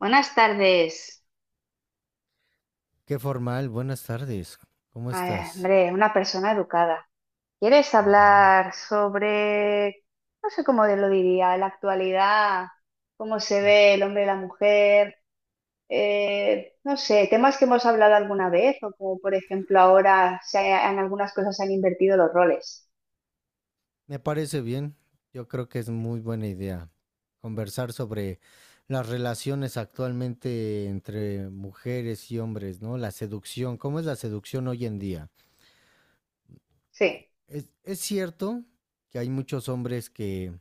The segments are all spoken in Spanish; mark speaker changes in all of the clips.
Speaker 1: Buenas tardes.
Speaker 2: Qué formal, buenas tardes. ¿Cómo
Speaker 1: Ay,
Speaker 2: estás?
Speaker 1: hombre, una persona educada. ¿Quieres
Speaker 2: Ujú.
Speaker 1: hablar sobre, no sé cómo lo diría, la actualidad, cómo se ve el hombre y la mujer? No sé, temas que hemos hablado alguna vez o como por ejemplo ahora en algunas cosas se han invertido los roles.
Speaker 2: Me parece bien. Yo creo que es muy buena idea conversar sobre las relaciones actualmente entre mujeres y hombres, ¿no? La seducción, ¿cómo es la seducción hoy en día?
Speaker 1: Sí.
Speaker 2: Es cierto que hay muchos hombres que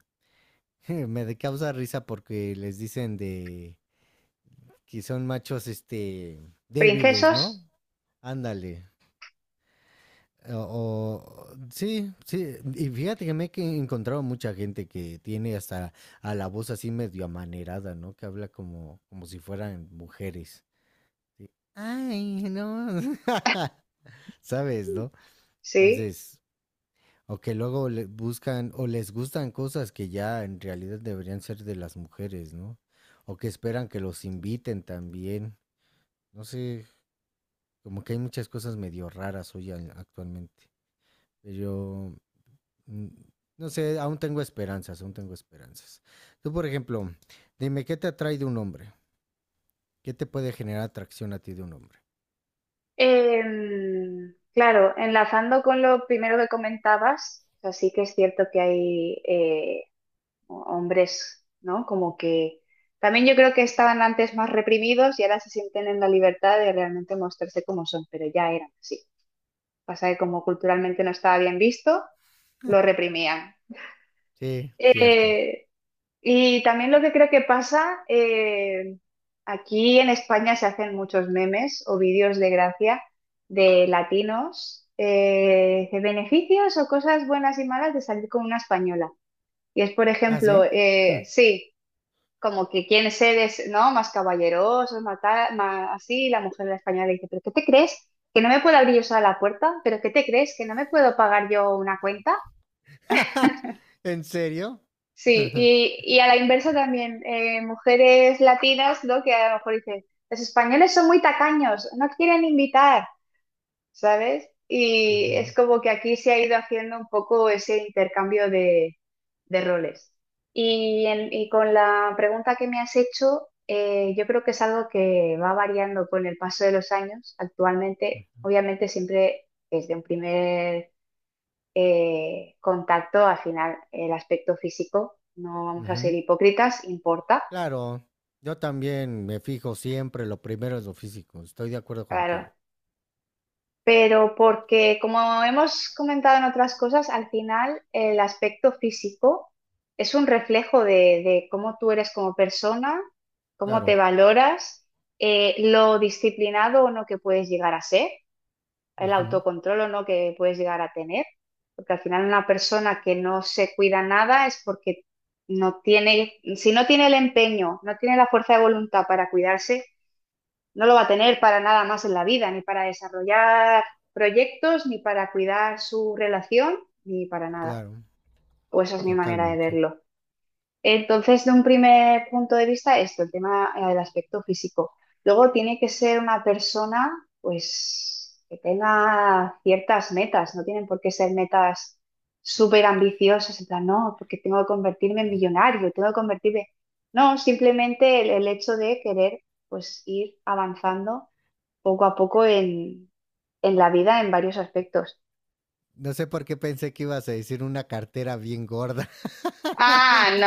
Speaker 2: causa risa porque les dicen de que son machos, débiles, ¿no?
Speaker 1: ¿Princesos?
Speaker 2: Ándale. Sí, sí. Y fíjate que me he encontrado mucha gente que tiene hasta a la voz así medio amanerada, ¿no? Que habla como si fueran mujeres. Ay, no. ¿Sabes, no?
Speaker 1: Sí.
Speaker 2: Entonces, o que luego le buscan o les gustan cosas que ya en realidad deberían ser de las mujeres, ¿no? O que esperan que los inviten también. No sé, como que hay muchas cosas medio raras hoy actualmente. Pero, Mm, no sé, aún tengo esperanzas, aún tengo esperanzas. Tú, por ejemplo, dime, ¿qué te atrae de un hombre? ¿Qué te puede generar atracción a ti de un hombre?
Speaker 1: Claro, enlazando con lo primero que comentabas, o sea, sí que es cierto que hay hombres, ¿no? Como que también yo creo que estaban antes más reprimidos y ahora se sienten en la libertad de realmente mostrarse como son, pero ya eran así. Pasa que como culturalmente no estaba bien visto, lo reprimían.
Speaker 2: Sí, cierto.
Speaker 1: Eh, y también lo que creo que pasa, aquí en España se hacen muchos memes o vídeos de gracia de latinos, de beneficios o cosas buenas y malas de salir con una española. Y es, por
Speaker 2: ¿Ah,
Speaker 1: ejemplo,
Speaker 2: sí? Hmm.
Speaker 1: sí, como que quieren ser es, ¿no? Más caballerosos, más, tal, más así, y la mujer de la española le dice, ¿pero qué te crees? ¿Que no me puedo abrir yo sola la puerta? ¿Pero qué te crees? ¿Que no me puedo pagar yo una cuenta?
Speaker 2: ¿En serio?
Speaker 1: Sí, y a la inversa también, mujeres latinas, ¿no? Que a lo mejor dicen, los españoles son muy tacaños, no quieren invitar, ¿sabes? Y
Speaker 2: Ujú,
Speaker 1: es como que aquí se ha ido haciendo un poco ese intercambio de, roles. Y con la pregunta que me has hecho, yo creo que es algo que va variando con el paso de los años. Actualmente, obviamente, siempre desde un primer contacto, al final, el aspecto físico, no vamos a ser
Speaker 2: ujú.
Speaker 1: hipócritas, importa.
Speaker 2: Claro, yo también me fijo siempre, lo primero es lo físico, estoy de acuerdo
Speaker 1: Claro,
Speaker 2: contigo.
Speaker 1: pero porque, como hemos comentado en otras cosas, al final el aspecto físico es un reflejo de cómo tú eres como persona, cómo
Speaker 2: Claro,
Speaker 1: te valoras, lo disciplinado o no que puedes llegar a ser, el
Speaker 2: ujú,
Speaker 1: autocontrol o no que puedes llegar a tener, porque al final una persona que no se cuida nada es porque no tiene, si no tiene el empeño, no tiene la fuerza de voluntad para cuidarse, no lo va a tener para nada más en la vida, ni para desarrollar proyectos, ni para cuidar su relación, ni para nada.
Speaker 2: claro,
Speaker 1: O esa es mi manera de
Speaker 2: totalmente.
Speaker 1: verlo. Entonces, de un primer punto de vista, esto, el tema, del aspecto físico. Luego tiene que ser una persona, pues, que tenga ciertas metas, no tienen por qué ser metas súper ambiciosas, en plan, no, porque tengo que convertirme en millonario, tengo que convertirme... No, simplemente el hecho de querer, pues, ir avanzando poco a poco en la vida en varios aspectos.
Speaker 2: No sé por qué pensé que ibas a decir una cartera bien gorda.
Speaker 1: Ah,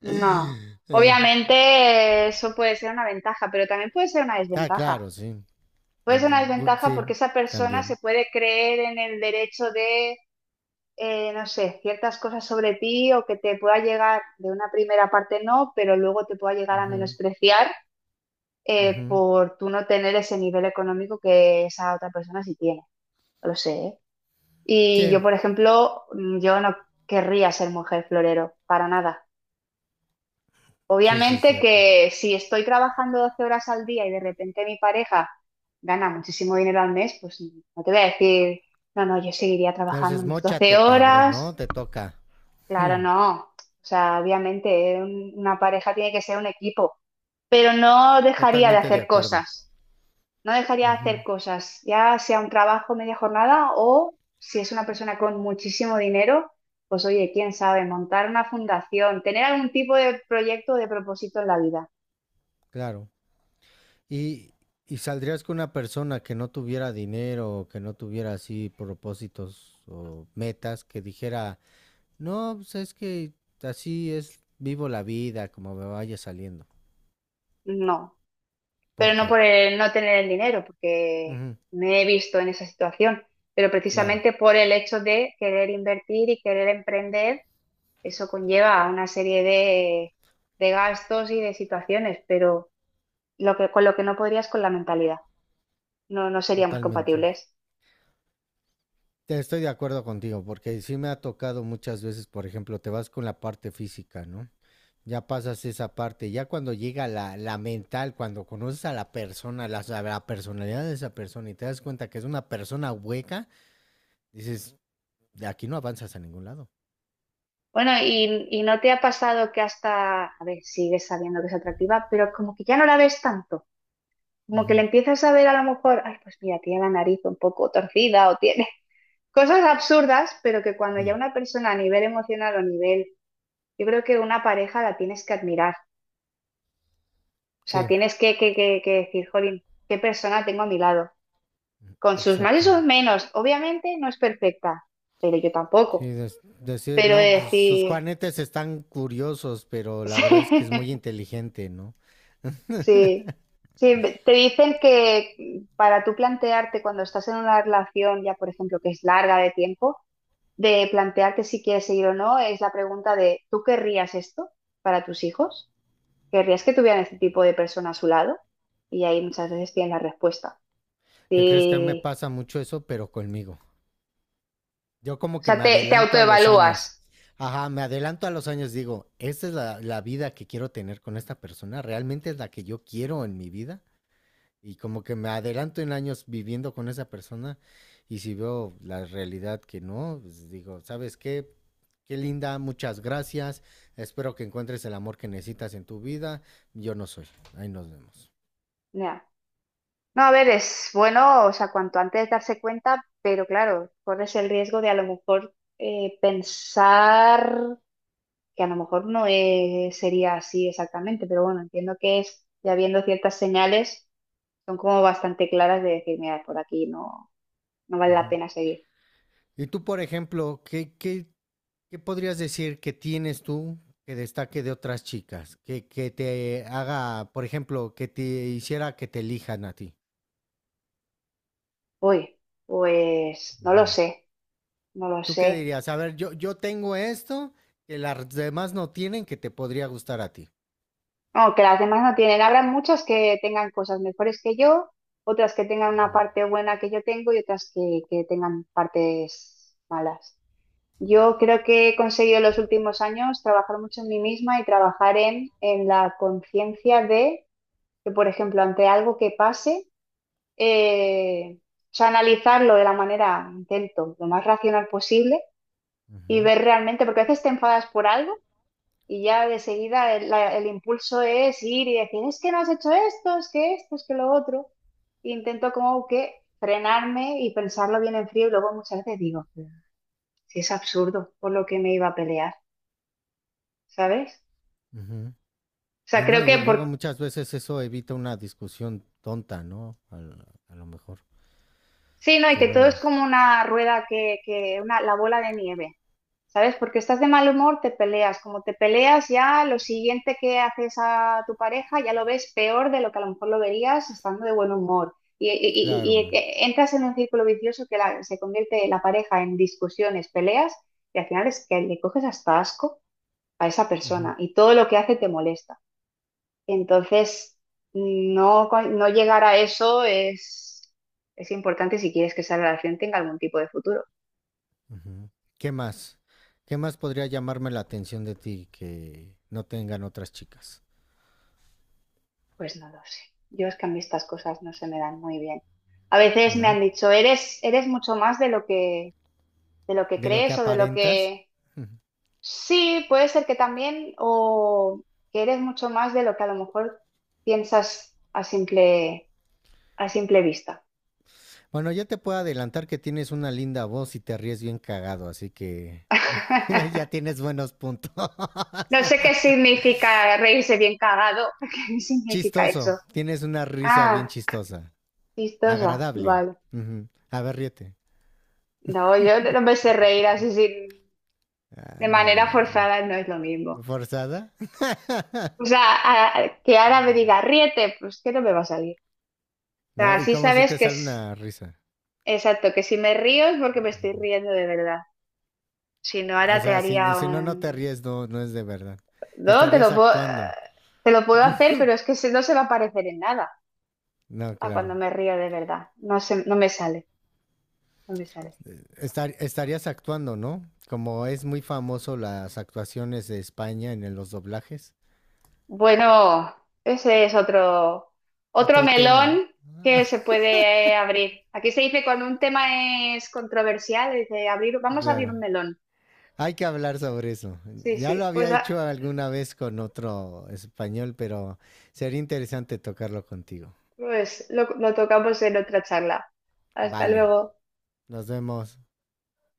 Speaker 1: no, no.
Speaker 2: Ah,
Speaker 1: Obviamente, eso puede ser una ventaja, pero también puede ser una
Speaker 2: ah,
Speaker 1: desventaja.
Speaker 2: claro, sí,
Speaker 1: Puede
Speaker 2: Bu-
Speaker 1: ser una desventaja
Speaker 2: sí,
Speaker 1: porque esa persona se
Speaker 2: también.
Speaker 1: puede creer en el derecho de, no sé, ciertas cosas sobre ti o que te pueda llegar, de una primera parte no, pero luego te pueda llegar a
Speaker 2: Ujú,
Speaker 1: menospreciar,
Speaker 2: ujú.
Speaker 1: por tú no tener ese nivel económico que esa otra persona sí tiene. Lo sé, ¿eh? Y
Speaker 2: Sí,
Speaker 1: yo, por ejemplo, yo no querría ser mujer florero, para nada.
Speaker 2: sí, sí,
Speaker 1: Obviamente
Speaker 2: cierto.
Speaker 1: que si estoy trabajando 12 horas al día y de repente mi pareja gana muchísimo dinero al mes, pues no te voy a decir, no, no, yo seguiría trabajando
Speaker 2: Entonces,
Speaker 1: mis 12
Speaker 2: mochate, cabrón, ¿no?
Speaker 1: horas.
Speaker 2: Te toca.
Speaker 1: Claro,
Speaker 2: Hmm.
Speaker 1: no. O sea, obviamente una pareja tiene que ser un equipo, pero no dejaría de
Speaker 2: Totalmente de
Speaker 1: hacer
Speaker 2: acuerdo.
Speaker 1: cosas. No dejaría de
Speaker 2: Ujú.
Speaker 1: hacer cosas, ya sea un trabajo media jornada o si es una persona con muchísimo dinero, pues oye, quién sabe, montar una fundación, tener algún tipo de proyecto o de propósito en la vida.
Speaker 2: Claro. Y, y saldrías con una persona que no tuviera dinero o que no tuviera así propósitos o metas, que dijera, no, pues es que así es, vivo la vida como me vaya saliendo.
Speaker 1: No, pero
Speaker 2: ¿Por
Speaker 1: no
Speaker 2: qué?
Speaker 1: por el no tener el dinero, porque
Speaker 2: Ujú.
Speaker 1: me he visto en esa situación, pero
Speaker 2: Claro,
Speaker 1: precisamente por el hecho de querer invertir y querer emprender, eso conlleva una serie de, gastos y de situaciones, pero lo que, con lo que no podrías con la mentalidad, no, no seríamos
Speaker 2: totalmente.
Speaker 1: compatibles.
Speaker 2: Te estoy de acuerdo contigo, porque sí me ha tocado muchas veces, por ejemplo, te vas con la parte física, ¿no? Ya pasas esa parte, ya cuando llega la mental, cuando conoces a la persona, a la personalidad de esa persona y te das cuenta que es una persona hueca, dices, de aquí no avanzas a ningún lado.
Speaker 1: Bueno, y no te ha pasado que hasta, a ver, sigues sabiendo que es atractiva, pero como que ya no la ves tanto, como que le
Speaker 2: Ujú,
Speaker 1: empiezas a ver a lo mejor, ay, pues mira, tiene la nariz un poco torcida o tiene cosas absurdas, pero que cuando
Speaker 2: ujú.
Speaker 1: ya una persona a nivel emocional o nivel, yo creo que una pareja la tienes que admirar, o sea,
Speaker 2: Sí,
Speaker 1: tienes que decir, jolín, qué persona tengo a mi lado, con sus más y
Speaker 2: exacto.
Speaker 1: sus menos, obviamente no es perfecta, pero yo
Speaker 2: Sí,
Speaker 1: tampoco,
Speaker 2: decir,
Speaker 1: pero de
Speaker 2: no, pues sus
Speaker 1: decir...
Speaker 2: juanetes están curiosos, pero la verdad es que es muy inteligente, ¿no?
Speaker 1: Sí, sí, te dicen que, para tú plantearte cuando estás en una relación ya, por ejemplo, que es larga de tiempo, de plantearte si quieres seguir o no, es la pregunta de, ¿tú querrías esto para tus hijos? ¿Querrías que tuvieran este tipo de persona a su lado? Y ahí muchas veces tienes la respuesta.
Speaker 2: ¿Qué crees que a mí me
Speaker 1: Sí,
Speaker 2: pasa mucho eso, pero conmigo? Yo como
Speaker 1: o
Speaker 2: que
Speaker 1: sea,
Speaker 2: me
Speaker 1: te
Speaker 2: adelanto a los años.
Speaker 1: autoevalúas.
Speaker 2: Ajá, me adelanto a los años, digo, esta es la vida que quiero tener con esta persona, realmente es la que yo quiero en mi vida. Y como que me adelanto en años viviendo con esa persona y si veo la realidad que no, pues digo, ¿sabes qué? Qué linda, muchas gracias. Espero que encuentres el amor que necesitas en tu vida. Yo no soy. Ahí nos vemos.
Speaker 1: Ya. No, a ver, es bueno, o sea, cuanto antes darse cuenta, pero claro, corres el riesgo de a lo mejor, pensar que a lo mejor no sería así exactamente, pero bueno, entiendo que es, ya viendo ciertas señales, son como bastante claras de decir, mira, por aquí no, no vale la
Speaker 2: Ujú.
Speaker 1: pena seguir.
Speaker 2: Y tú, por ejemplo, ¿qué podrías decir que tienes tú que destaque de otras chicas? Que te haga, por ejemplo, que te hiciera que te elijan a ti.
Speaker 1: Uy, pues no lo
Speaker 2: Ujú.
Speaker 1: sé, no lo
Speaker 2: ¿Tú qué
Speaker 1: sé.
Speaker 2: dirías? A ver, yo tengo esto que las demás no tienen que te podría gustar a ti.
Speaker 1: No, que las demás no tienen. Habrá muchas que tengan cosas mejores que yo, otras que tengan una
Speaker 2: Ujú,
Speaker 1: parte buena que yo tengo y otras que tengan partes malas. Yo creo que he conseguido en los últimos años trabajar mucho en mí misma y trabajar en la conciencia de que, por ejemplo, ante algo que pase, o sea, analizarlo de la manera, intento, lo más racional posible y
Speaker 2: ujú,
Speaker 1: ver realmente, porque a veces te enfadas por algo y ya de seguida el impulso es ir y decir, es que no has hecho esto, es que lo otro. E intento como que frenarme y pensarlo bien en frío y luego muchas veces digo, si es absurdo por lo que me iba a pelear, ¿sabes?
Speaker 2: ujú.
Speaker 1: O sea,
Speaker 2: Y no,
Speaker 1: creo que
Speaker 2: y luego
Speaker 1: por...
Speaker 2: muchas veces eso evita una discusión tonta, ¿no? A lo mejor.
Speaker 1: Sí, no, y
Speaker 2: Que
Speaker 1: que todo es
Speaker 2: luego,
Speaker 1: como una rueda que una, la bola de nieve. ¿Sabes? Porque estás de mal humor, te peleas. Como te peleas, ya lo siguiente que haces a tu pareja ya lo ves peor de lo que a lo mejor lo verías estando de buen humor. Y, y-
Speaker 2: claro.
Speaker 1: y- y e- entras en un círculo vicioso que se convierte la pareja en discusiones, peleas, y al final es que le coges hasta asco a esa
Speaker 2: Ujú,
Speaker 1: persona y todo lo que hace te molesta. Entonces, no, no llegar a eso es importante si quieres que esa relación tenga algún tipo de futuro.
Speaker 2: ujú. ¿Qué más? ¿Qué más podría llamarme la atención de ti que no tengan otras chicas?
Speaker 1: Pues no lo sé. Yo es que a mí estas cosas no se me dan muy bien. A veces me
Speaker 2: ¿No?
Speaker 1: han dicho, eres mucho más de lo que
Speaker 2: De lo que
Speaker 1: crees o de lo
Speaker 2: aparentas.
Speaker 1: que... Sí, puede ser que también, o que eres mucho más de lo que a lo mejor piensas a simple vista.
Speaker 2: Bueno, ya te puedo adelantar que tienes una linda voz y te ríes bien cagado, así que ya tienes buenos puntos.
Speaker 1: No sé qué significa reírse bien cagado. ¿Qué significa
Speaker 2: Chistoso,
Speaker 1: eso?
Speaker 2: tienes una risa bien
Speaker 1: Ah,
Speaker 2: chistosa,
Speaker 1: chistosa.
Speaker 2: agradable.
Speaker 1: Vale.
Speaker 2: Ujú. A ver, ríete.
Speaker 1: No, yo no me sé reír así sin, de manera
Speaker 2: Ándale.
Speaker 1: forzada, no es lo mismo.
Speaker 2: ¿Forzada?
Speaker 1: O sea, que ahora me diga, ríete, pues que no me va a salir. O sea,
Speaker 2: ¿No? ¿Y
Speaker 1: así
Speaker 2: como si
Speaker 1: sabes
Speaker 2: te
Speaker 1: que
Speaker 2: sale
Speaker 1: es
Speaker 2: una risa?
Speaker 1: exacto, que si me río es porque me estoy riendo de verdad. Si no,
Speaker 2: O
Speaker 1: ahora te
Speaker 2: sea, si,
Speaker 1: haría
Speaker 2: si no, no te
Speaker 1: un...
Speaker 2: ríes, no, no es de verdad.
Speaker 1: No, te
Speaker 2: Estarías
Speaker 1: lo puedo,
Speaker 2: actuando.
Speaker 1: te lo puedo hacer, pero es que no se va a parecer en nada
Speaker 2: No,
Speaker 1: a cuando
Speaker 2: claro.
Speaker 1: me río de verdad. No se, no me sale, no me sale.
Speaker 2: Estarías actuando, ¿no? Como es muy famoso las actuaciones de España en los doblajes.
Speaker 1: Bueno, ese es otro, otro
Speaker 2: Otro tema,
Speaker 1: melón que se puede, abrir. Aquí se dice cuando un tema es controversial, dice abrir, vamos a abrir un
Speaker 2: claro.
Speaker 1: melón.
Speaker 2: Hay que hablar sobre eso.
Speaker 1: Sí,
Speaker 2: Ya lo
Speaker 1: sí,
Speaker 2: había
Speaker 1: pues
Speaker 2: hecho alguna vez con otro español, pero sería interesante tocarlo contigo.
Speaker 1: pues lo tocamos en otra charla. Hasta
Speaker 2: Vale,
Speaker 1: luego.
Speaker 2: nos vemos.